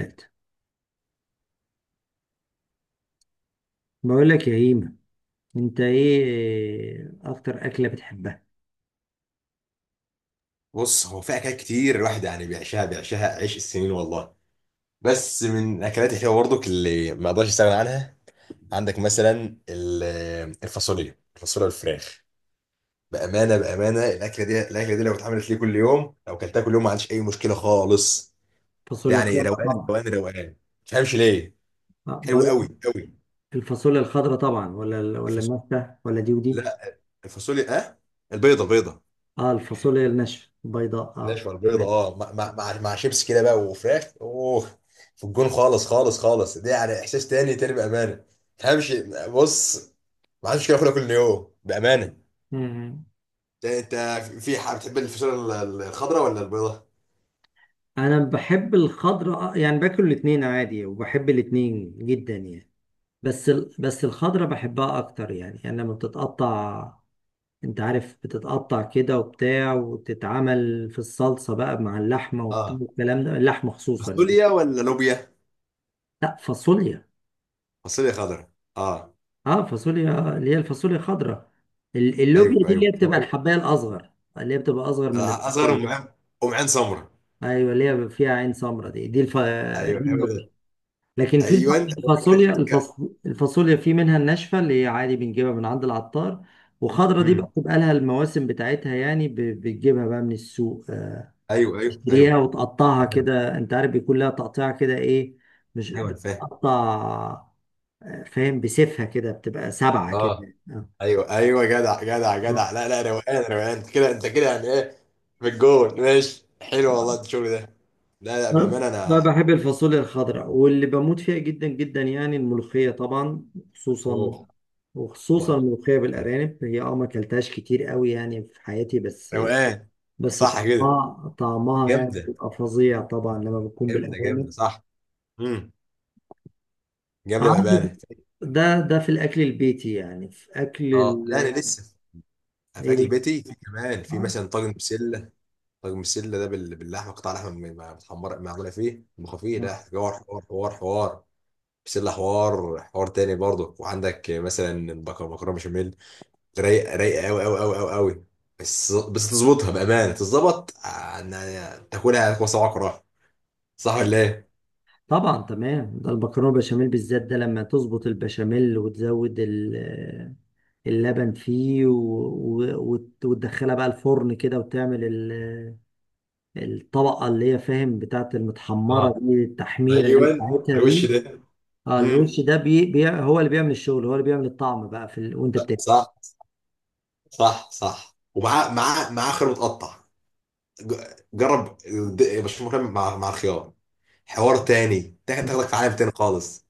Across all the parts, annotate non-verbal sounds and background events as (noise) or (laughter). ذات، بقول لك يا هيما، انت ايه اكتر اكله بتحبها؟ بص، هو في اكلات كتير الواحد يعني بيعشاها عيش السنين والله. بس من الاكلات الحلوه برضك اللي ما اقدرش استغنى عنها عندك مثلا الفاصوليا والفراخ. بامانه، الاكله دي لو اكلتها كل يوم ما عنديش اي مشكله خالص. دي الفاصوليا يعني الخضراء روقان طبعا. روقان روقان، ما تفهمش ليه. اه حلو بقول لك، قوي قوي. الفاصوليا الخضراء طبعا ولا ولا الفاصوليا، الناشفه ولا دي ودي؟ لا، الفاصوليا، اه، البيضه البيضه. اه، الفاصوليا الناشفه البيضاء، اه نشوى البيضة، تمام. اه، مع شيبس كده بقى وفراخ، اوه. في الجون خالص خالص خالص، دي يعني احساس تاني تاني بامانه. تفهمش. بص، ما عادش كده اكلها كل يوم بامانه. مم. انت، في حاجه بتحب الفاصوليا الخضراء ولا البيضاء؟ انا بحب الخضراء آه، يعني باكل الاتنين عادي وبحب الاتنين جدا يعني. بس الخضراء بحبها اكتر يعني، يعني لما بتتقطع، انت عارف، بتتقطع كده وبتاع وتتعمل في الصلصه بقى مع اللحمه وبتاع اه، والكلام ده، اللحمه خصوصا يعني. فاصوليا ولا لوبيا؟ لا فاصوليا. فاصوليا خضراء، اه. اه فاصوليا اللي هي الفاصوليا الخضراء. ايوه، اللوبيا دي ايوه، اللي هي ايوه، بتبقى ايوه. الحبايه الاصغر، اللي هي بتبقى اصغر من آه، اصغر، الفاصوليا. ام عين، ام عين سمراء. ايوه اللي هي فيها عين سمراء، ايوه، دي ايوه، اللوبيا. ده. لكن في الف- ايوه، أنا الفاصوليا متأكد. الفاص... الفاصوليا في منها الناشفه اللي هي عادي بنجيبها من عند العطار، وخضرة دي بقى امم بتبقى لها المواسم بتاعتها يعني، بتجيبها بقى من السوق آه، ايوه، ايوه، تشتريها ايوه، وتقطعها كده، انت عارف بيكون لها تقطيع كده ايه، مش ايوه، أنا فاهم. بتقطع، فاهم، بسيفها كده، بتبقى سبعة اه، كده آه. ايوه، ايوه، جدع، جدع، جدع، لا، لا، روقان، روقان، انت كده، انت كده، يعني ايه. في الجول ماشي، حلو آه. والله الشغل ده. لا، لا، أنا بامانه، بقى انا. بحب الفاصوليا الخضراء، واللي بموت فيها جدا جدا يعني الملوخية طبعا، خصوصا اوه، وخصوصا أوه. الملوخية بالأرانب. هي اه ما اكلتهاش كتير قوي يعني في حياتي، بس روقان. بس صح كده، طعمها طعمها يعني جامده، بيبقى فظيع طبعا لما بتكون جامده، جامده، بالأرانب. صح. امم جامده عندي، بامانه. ده ده في الأكل البيتي، يعني في أكل اه، لا، انا ال... لسه في اكل إيه؟ بيتي، في كمان في آه. مثلا طاجن بسله. طاجن بسله ده باللحمه، قطع لحمه متحمره معموله فيه مخفيه، ده حوار حوار حوار حوار. بسله حوار، حوار تاني برضه، وعندك مثلا مكرونه بشاميل. رايقه رايقه قوي قوي قوي قوي قوي. بس تظبطها بامانه، تظبط تاكلها على صباعك وراها. صح ولا ايه؟ طبعا تمام، ده المكرونه بشاميل بالذات، ده لما تظبط البشاميل وتزود آه، اللبن فيه وتدخلها بقى الفرن كده وتعمل آه، الطبقه اللي هي فاهم بتاعت المتحمره اه، دي، التحميره دي ايوه، بتاعتها على الوش دي. ده. اه مم. الوش ده هو اللي بيعمل الشغل، هو اللي بيعمل الطعم بقى في ال... وانت بتاكل. صح، صح، صح، ومعاه معاه معاه خيار متقطع. جرب، مشروم مكرمل مع الخيار. حوار تاني، تاخدك في عالم تاني خالص.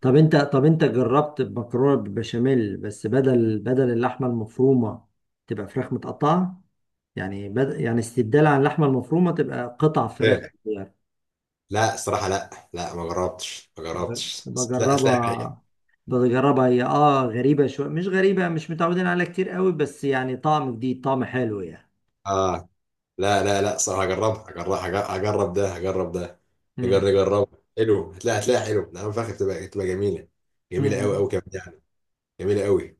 طب انت جربت مكرونه بالبشاميل بس بدل اللحمه المفرومه تبقى فراخ متقطعه، يعني بدأ يعني استبدال عن اللحمة المفرومة تبقى قطع فراخ لا، صغيرة؟ لا، الصراحه، لا، لا، ما جربتش، ما جربتش، بس لا هتلاقي رايق. بجربها بجربها، هي اه غريبة شوية، مش غريبة، مش متعودين عليها كتير قوي، بس يعني طعم جديد، طعم حلو يعني. اه، لا، لا، لا، صراحة، هجربها، هجرب، هجرب ده، هجرب ده. مم. نجربها. حلو، هتلاقي هتلاقي حلو، نعم فاخر، تبقى جميلة. جميلة قوي مم. قوي كمان يعني. جميلة قوي.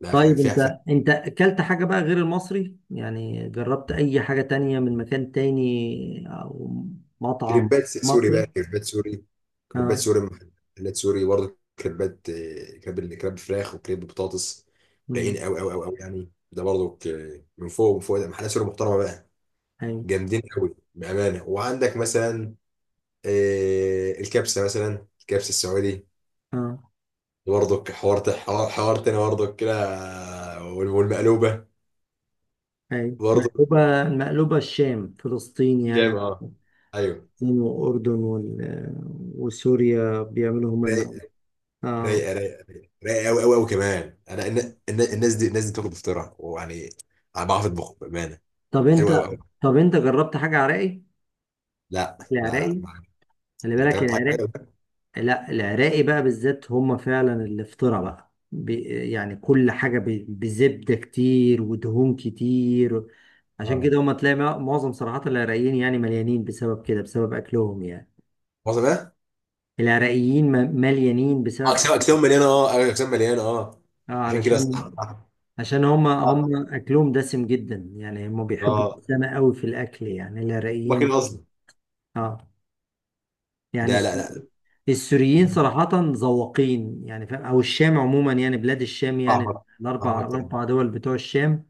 لا، في حاجة طيب فيها. انت، اكلت حاجة بقى غير المصري؟ يعني جربت اي حاجة تانية من مكان تاني او مطعم كريبات سوري مصري؟ بقى، كريبات سوري. كريبات اه. سوري، محلات سوري برضه كريبات، كريب كريب فراخ وكريب بطاطس. مم. رايقين قوي قوي قوي قوي يعني، ده برضه من فوق، من فوق، ده محلات سوري محترمة بقى. ايوه. جامدين قوي بأمانة، وعندك مثلا الكبسة مثلا، الكبسة السعودي. اه، برضك حوار، حوار حوار تاني برضك كده. والمقلوبه. ايوه برضك، مقلوبة، المقلوبة الشام فلسطين شام، يعني، اه. ايوه. هم وسوريا بيعملوا هم المقلوب. رايقه اه. رايقه رايقه رايقه رايقه قوي قوي قوي كمان، انا الناس دي بتاكل بفطرها ويعني. انا بعرف اطبخ بامانه. طب حلوه قوي انت قوي. طب انت جربت حاجة عراقي؟ لا، لا، لا، العراقي، ما. خلي لا، انت بالك، جربت حاجه حلوه العراق. ده؟ لا العراقي بقى بالذات هم فعلا الافطرة بقى يعني كل حاجة بزبدة كتير ودهون كتير. عشان اه، كده هم تلاقي معظم صراحة العراقيين يعني مليانين بسبب كده، بسبب أكلهم يعني. وصل بقى. العراقيين مليانين اه، بسبب اجسام أكلهم، اجسام مليانه، اه، أيوة، اجسام مليانه، اه. اه عشان كده، علشان، صح، صح. عشان هما، اه، اكلهم دسم جدا يعني، هما بيحبوا اه، الدسامة قوي في الاكل يعني هما العراقيين. كده اصلا. اه، يعني لا، لا، الس- لا، السوريين صراحة ذواقين يعني، فاهم، او الشام عموما يعني، بلاد الشام طعم يعني اكتر، طعم الاربع اكتر. الاربع دول بتوع الشام،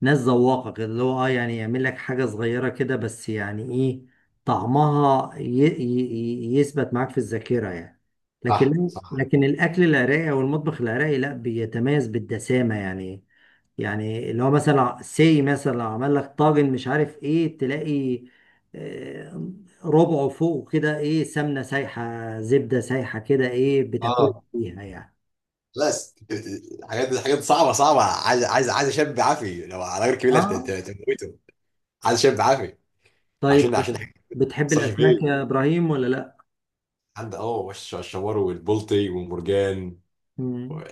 ناس ذواقة كده، اللي هو اه يعني يعمل لك حاجة صغيرة كده بس يعني ايه، طعمها يثبت معاك في الذاكرة يعني. صح، لكن صح، لكن الأكل العراقي أو المطبخ العراقي لا، بيتميز بالدسامة يعني. يعني اللي هو مثلا، سي مثلا لو عمل لك طاجن، مش عارف ايه، تلاقي آه، ربعه فوق كده ايه سمنة سايحة، زبدة سايحة، كده ايه بتاكل اه. فيها يعني. لا، حاجات حاجات صعبه صعبه، عايز عايز عايز شاب عافي، لو على غير كبيره، اه. انت تموته. عايز شاب عافي. عشان طيب عشان حاجة ما بتحب تاثرش الأسماك فيه. يا إبراهيم ولا لأ؟ عند وش الشوار والبلطي والمرجان. مم.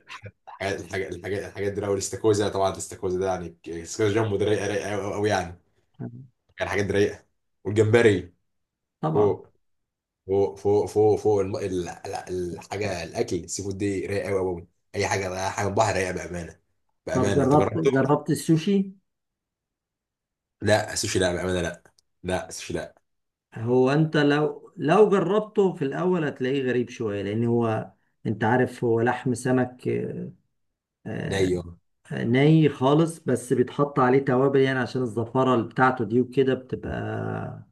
الحاجات دي أوي، الاستاكوزا طبعا، الاستاكوزا ده يعني، الاستاكوزا جنبه ده رايقه رايقه قوي قوي يعني. يعني حاجات دي رايقه. والجمبري. طبعا. فوق فوق فوق فوق فوق، الحاجه الاكل السي فود دي رايقه قوي قوي. اي حاجه بقى، حاجه بحر رايقه بامانه. طب بامانه جربت، تجربته. السوشي؟ لا السوشي، لا بامانه، لا. لا السوشي، لا. هو انت لو جربته في الاول هتلاقيه غريب شويه، لان هو، انت عارف، هو لحم سمك آه، ني، اه. آه، ني خالص، بس بيتحط عليه توابل يعني عشان الزفاره اللي بتاعته دي، وكده بتبقى،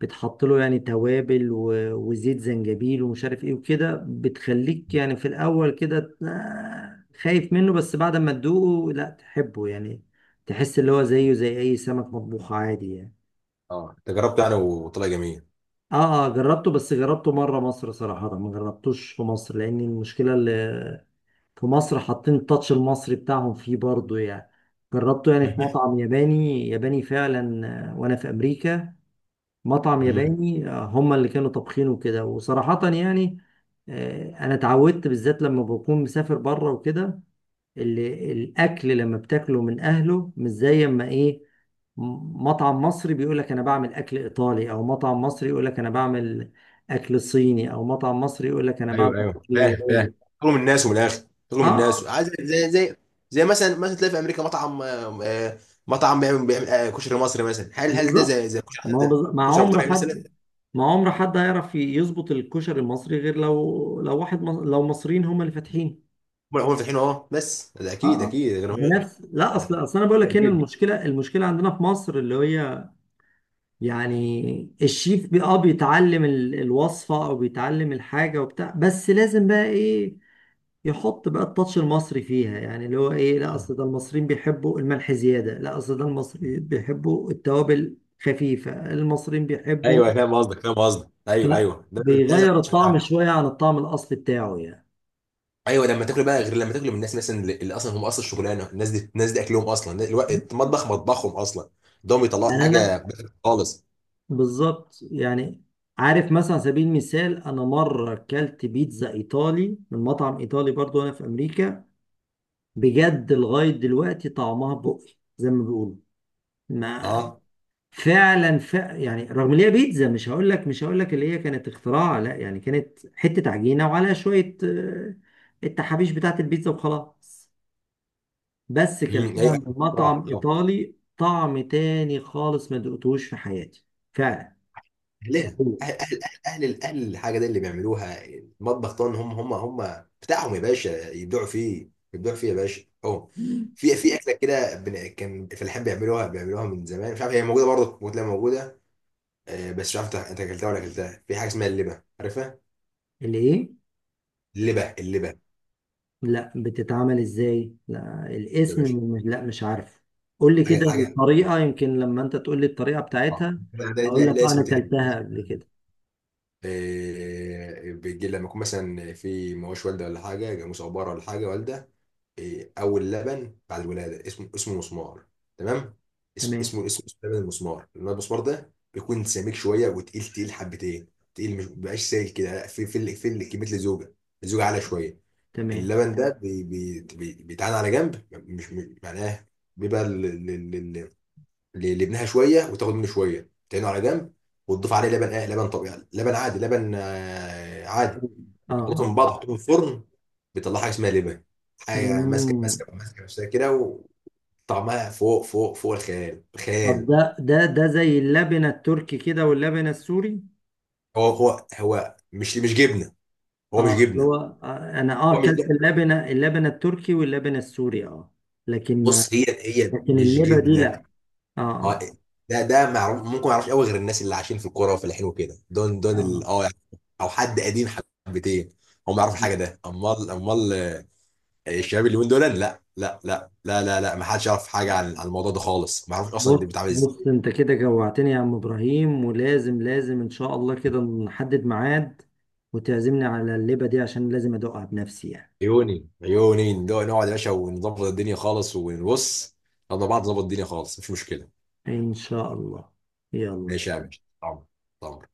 بتحط له يعني توابل وزيت زنجبيل ومش عارف ايه، وكده بتخليك يعني في الاول كده آه، خايف منه، بس بعد ما تدوقه لا تحبه يعني، تحس اللي هو زيه زي اي سمك مطبوخ عادي يعني. آه، انت جربته انا وطلع جميل. اه، اه جربته، بس جربته مره مصر صراحه، ما جربتوش في مصر، لان المشكله اللي في مصر حاطين التاتش المصري بتاعهم فيه برضه يعني. جربته يعني في (laughs) مطعم ياباني ياباني فعلا، آه، وانا في امريكا، مطعم مم. ياباني آه، هم اللي كانوا طابخينه كده، وصراحه يعني آه، انا اتعودت بالذات لما بكون مسافر بره وكده، ال- الاكل لما بتاكله من اهله مش زي اما ايه، مطعم مصري بيقول لك انا بعمل اكل ايطالي، او مطعم مصري يقول لك انا بعمل اكل صيني، او مطعم مصري يقول لك انا بعمل ايوه، ايوه، اكل فاهم، فاهم. ياباني. تطلب من الناس، ومن الاخر تطلب من الناس، اه عايز زي. زي مثلا، تلاقي في امريكا مطعم، مطعم بيعمل كشري مصري مثلا، هل ده بالظبط، زي كشري ما هو زي. بالظبط. ما كشري ابو عمر طارق مثلا. حد، ما عمر حد هيعرف يظبط الكشري المصري غير لو، لو واحد لو مصريين هم اللي فاتحين. هم فاتحين اهو، بس ده اه اكيد آه. اكيد بنفس، لا اصل انا بقول (laughs) لك، هنا اكيد. المشكله، المشكله عندنا في مصر اللي هي يعني الشيف بي اه بيتعلم الوصفه او بيتعلم الحاجه وبتاع، بس لازم بقى ايه، يحط بقى التاتش المصري فيها، يعني اللي هو ايه، لا مم. اصل ده المصريين بيحبوا الملح زياده، لا اصل ده المصريين بيحبوا التوابل خفيفه، المصريين بيحبوا، ايوه، فاهم قصدك، فاهم قصدك، ايوه، فلا ايوه، ده زي. بيغير الطعم شويه عن الطعم الاصلي بتاعه يعني. ايوه، لما تاكل بقى غير لما تاكل من الناس مثلا، اللي اصلا هم، اصلا شغلانه الناس دي اكلهم، اصلا الناس- الوقت- المطبخ مطبخهم اصلا. ده بيطلعوا يعني انا حاجه بخ خالص. بالظبط يعني، عارف مثلا على سبيل المثال، انا مره اكلت بيتزا ايطالي من مطعم ايطالي برضو وانا في امريكا، بجد لغايه دلوقتي طعمها بقي زي ما بيقولوا ما، اه، فعلا يعني رغم ان هي بيتزا، مش هقول لك اللي هي كانت اختراع لا، يعني كانت حته عجينه وعليها شويه آه، التحابيش بتاعت البيتزا وخلاص، بس ايوه. كلتها من طبعا، مطعم طبعا. ايطالي طعم تاني خالص، ما دقتهوش في حياتي فعلا. اهلها اهل اهل اهل اهل أهل الحاجه دي اللي بيعملوها المطبخ طبعا، هم بتاعهم يا باشا يبدعوا فيه، يبدعوا فيه يا باشا اهو. في اكله كده، كان الفلاحين بيعملوها من زمان، مش عارف هي موجوده برضه، ممكن تلاقيها موجوده. بس مش عارف انت اكلتها ولا اكلتها في حاجه اسمها اللبه، عارفها؟ اللي ايه؟ اللبه، اللبه. لا بتتعمل ازاي؟ لا يا الاسم باشا. مش، لا مش عارف. قول لي حاجه كده حاجه. الطريقه، يمكن لما انت تقول لي الطريقه اه، بتاعتها ده، اقول لا، لك لا، آه، انا اسم تاني. كلتها قبل كده. إيه بيجي لما يكون مثلا في مواش والده، ولا حاجه، جاموس او بره ولا حاجه، والده. إيه، اول لبن بعد الولاده اسمه مسمار. تمام. اس- تمام. اسمه اسمه اسمه لبن المسمار، لان المسمار ده بيكون سميك شويه وتقيل تقيل حبتين. تقيل، مش مبقاش سائل كده، لا، في كميه الزوجه. الزوجه عاليه شويه. تمام. اللبن ده بيتعان على جنب، معناه بيبقى لابنها شويه، وتاخد منه شويه تعينه على جنب. وتضيف عليه لبن، لبن طبيعي، لبن عادي، لبن عادي. اه. وتخلطهم من اه. بعض وتحطهم في الفرن. بيطلع حاجه اسمها لبن. حاجه ماسكه مم. ماسكه ماسكه نفسها كده. وطعمها فوق فوق فوق الخيال، طب خيال. ده ده زي اللبنة التركي كده واللبنة السوري؟ هو مش جبنه. هو مش اه أصل جبنه. هو آه، انا اه هو مش، اكلت لا. اللبنة، اللبنة التركي واللبنة السوري اه، لكن ما، بص، هي لكن مش اللبة دي لا. جبنه. اه هو اه ده معروف، ممكن ما يعرفش قوي غير الناس اللي عايشين في الكوره وفلاحين وكده، دول اه. يعني. او حد قديم. حبتين. هم ما يعرفوا حاجه ده، امال. الشباب اللي من دول، لا، لا. لا، لا، لا، لا، ما حدش يعرف حاجه عن الموضوع ده خالص، ما يعرفش اصلا ده بيتعمل بص ازاي. بص، انت كده جوعتني يا عم ابراهيم، ولازم، لازم ان شاء الله كده نحدد ميعاد وتعزمني على اللبة دي، عشان لازم ادوقها بنفسي يعني. عيوني عيوني، نقعد نقعد يا باشا ونظبط الدنيا خالص ونبص. نقعد مع بعض، نظبط الدنيا خالص، مش مشكله. ان شاء الله. يلا. ماشي يا باشا، طبعا. طبعا.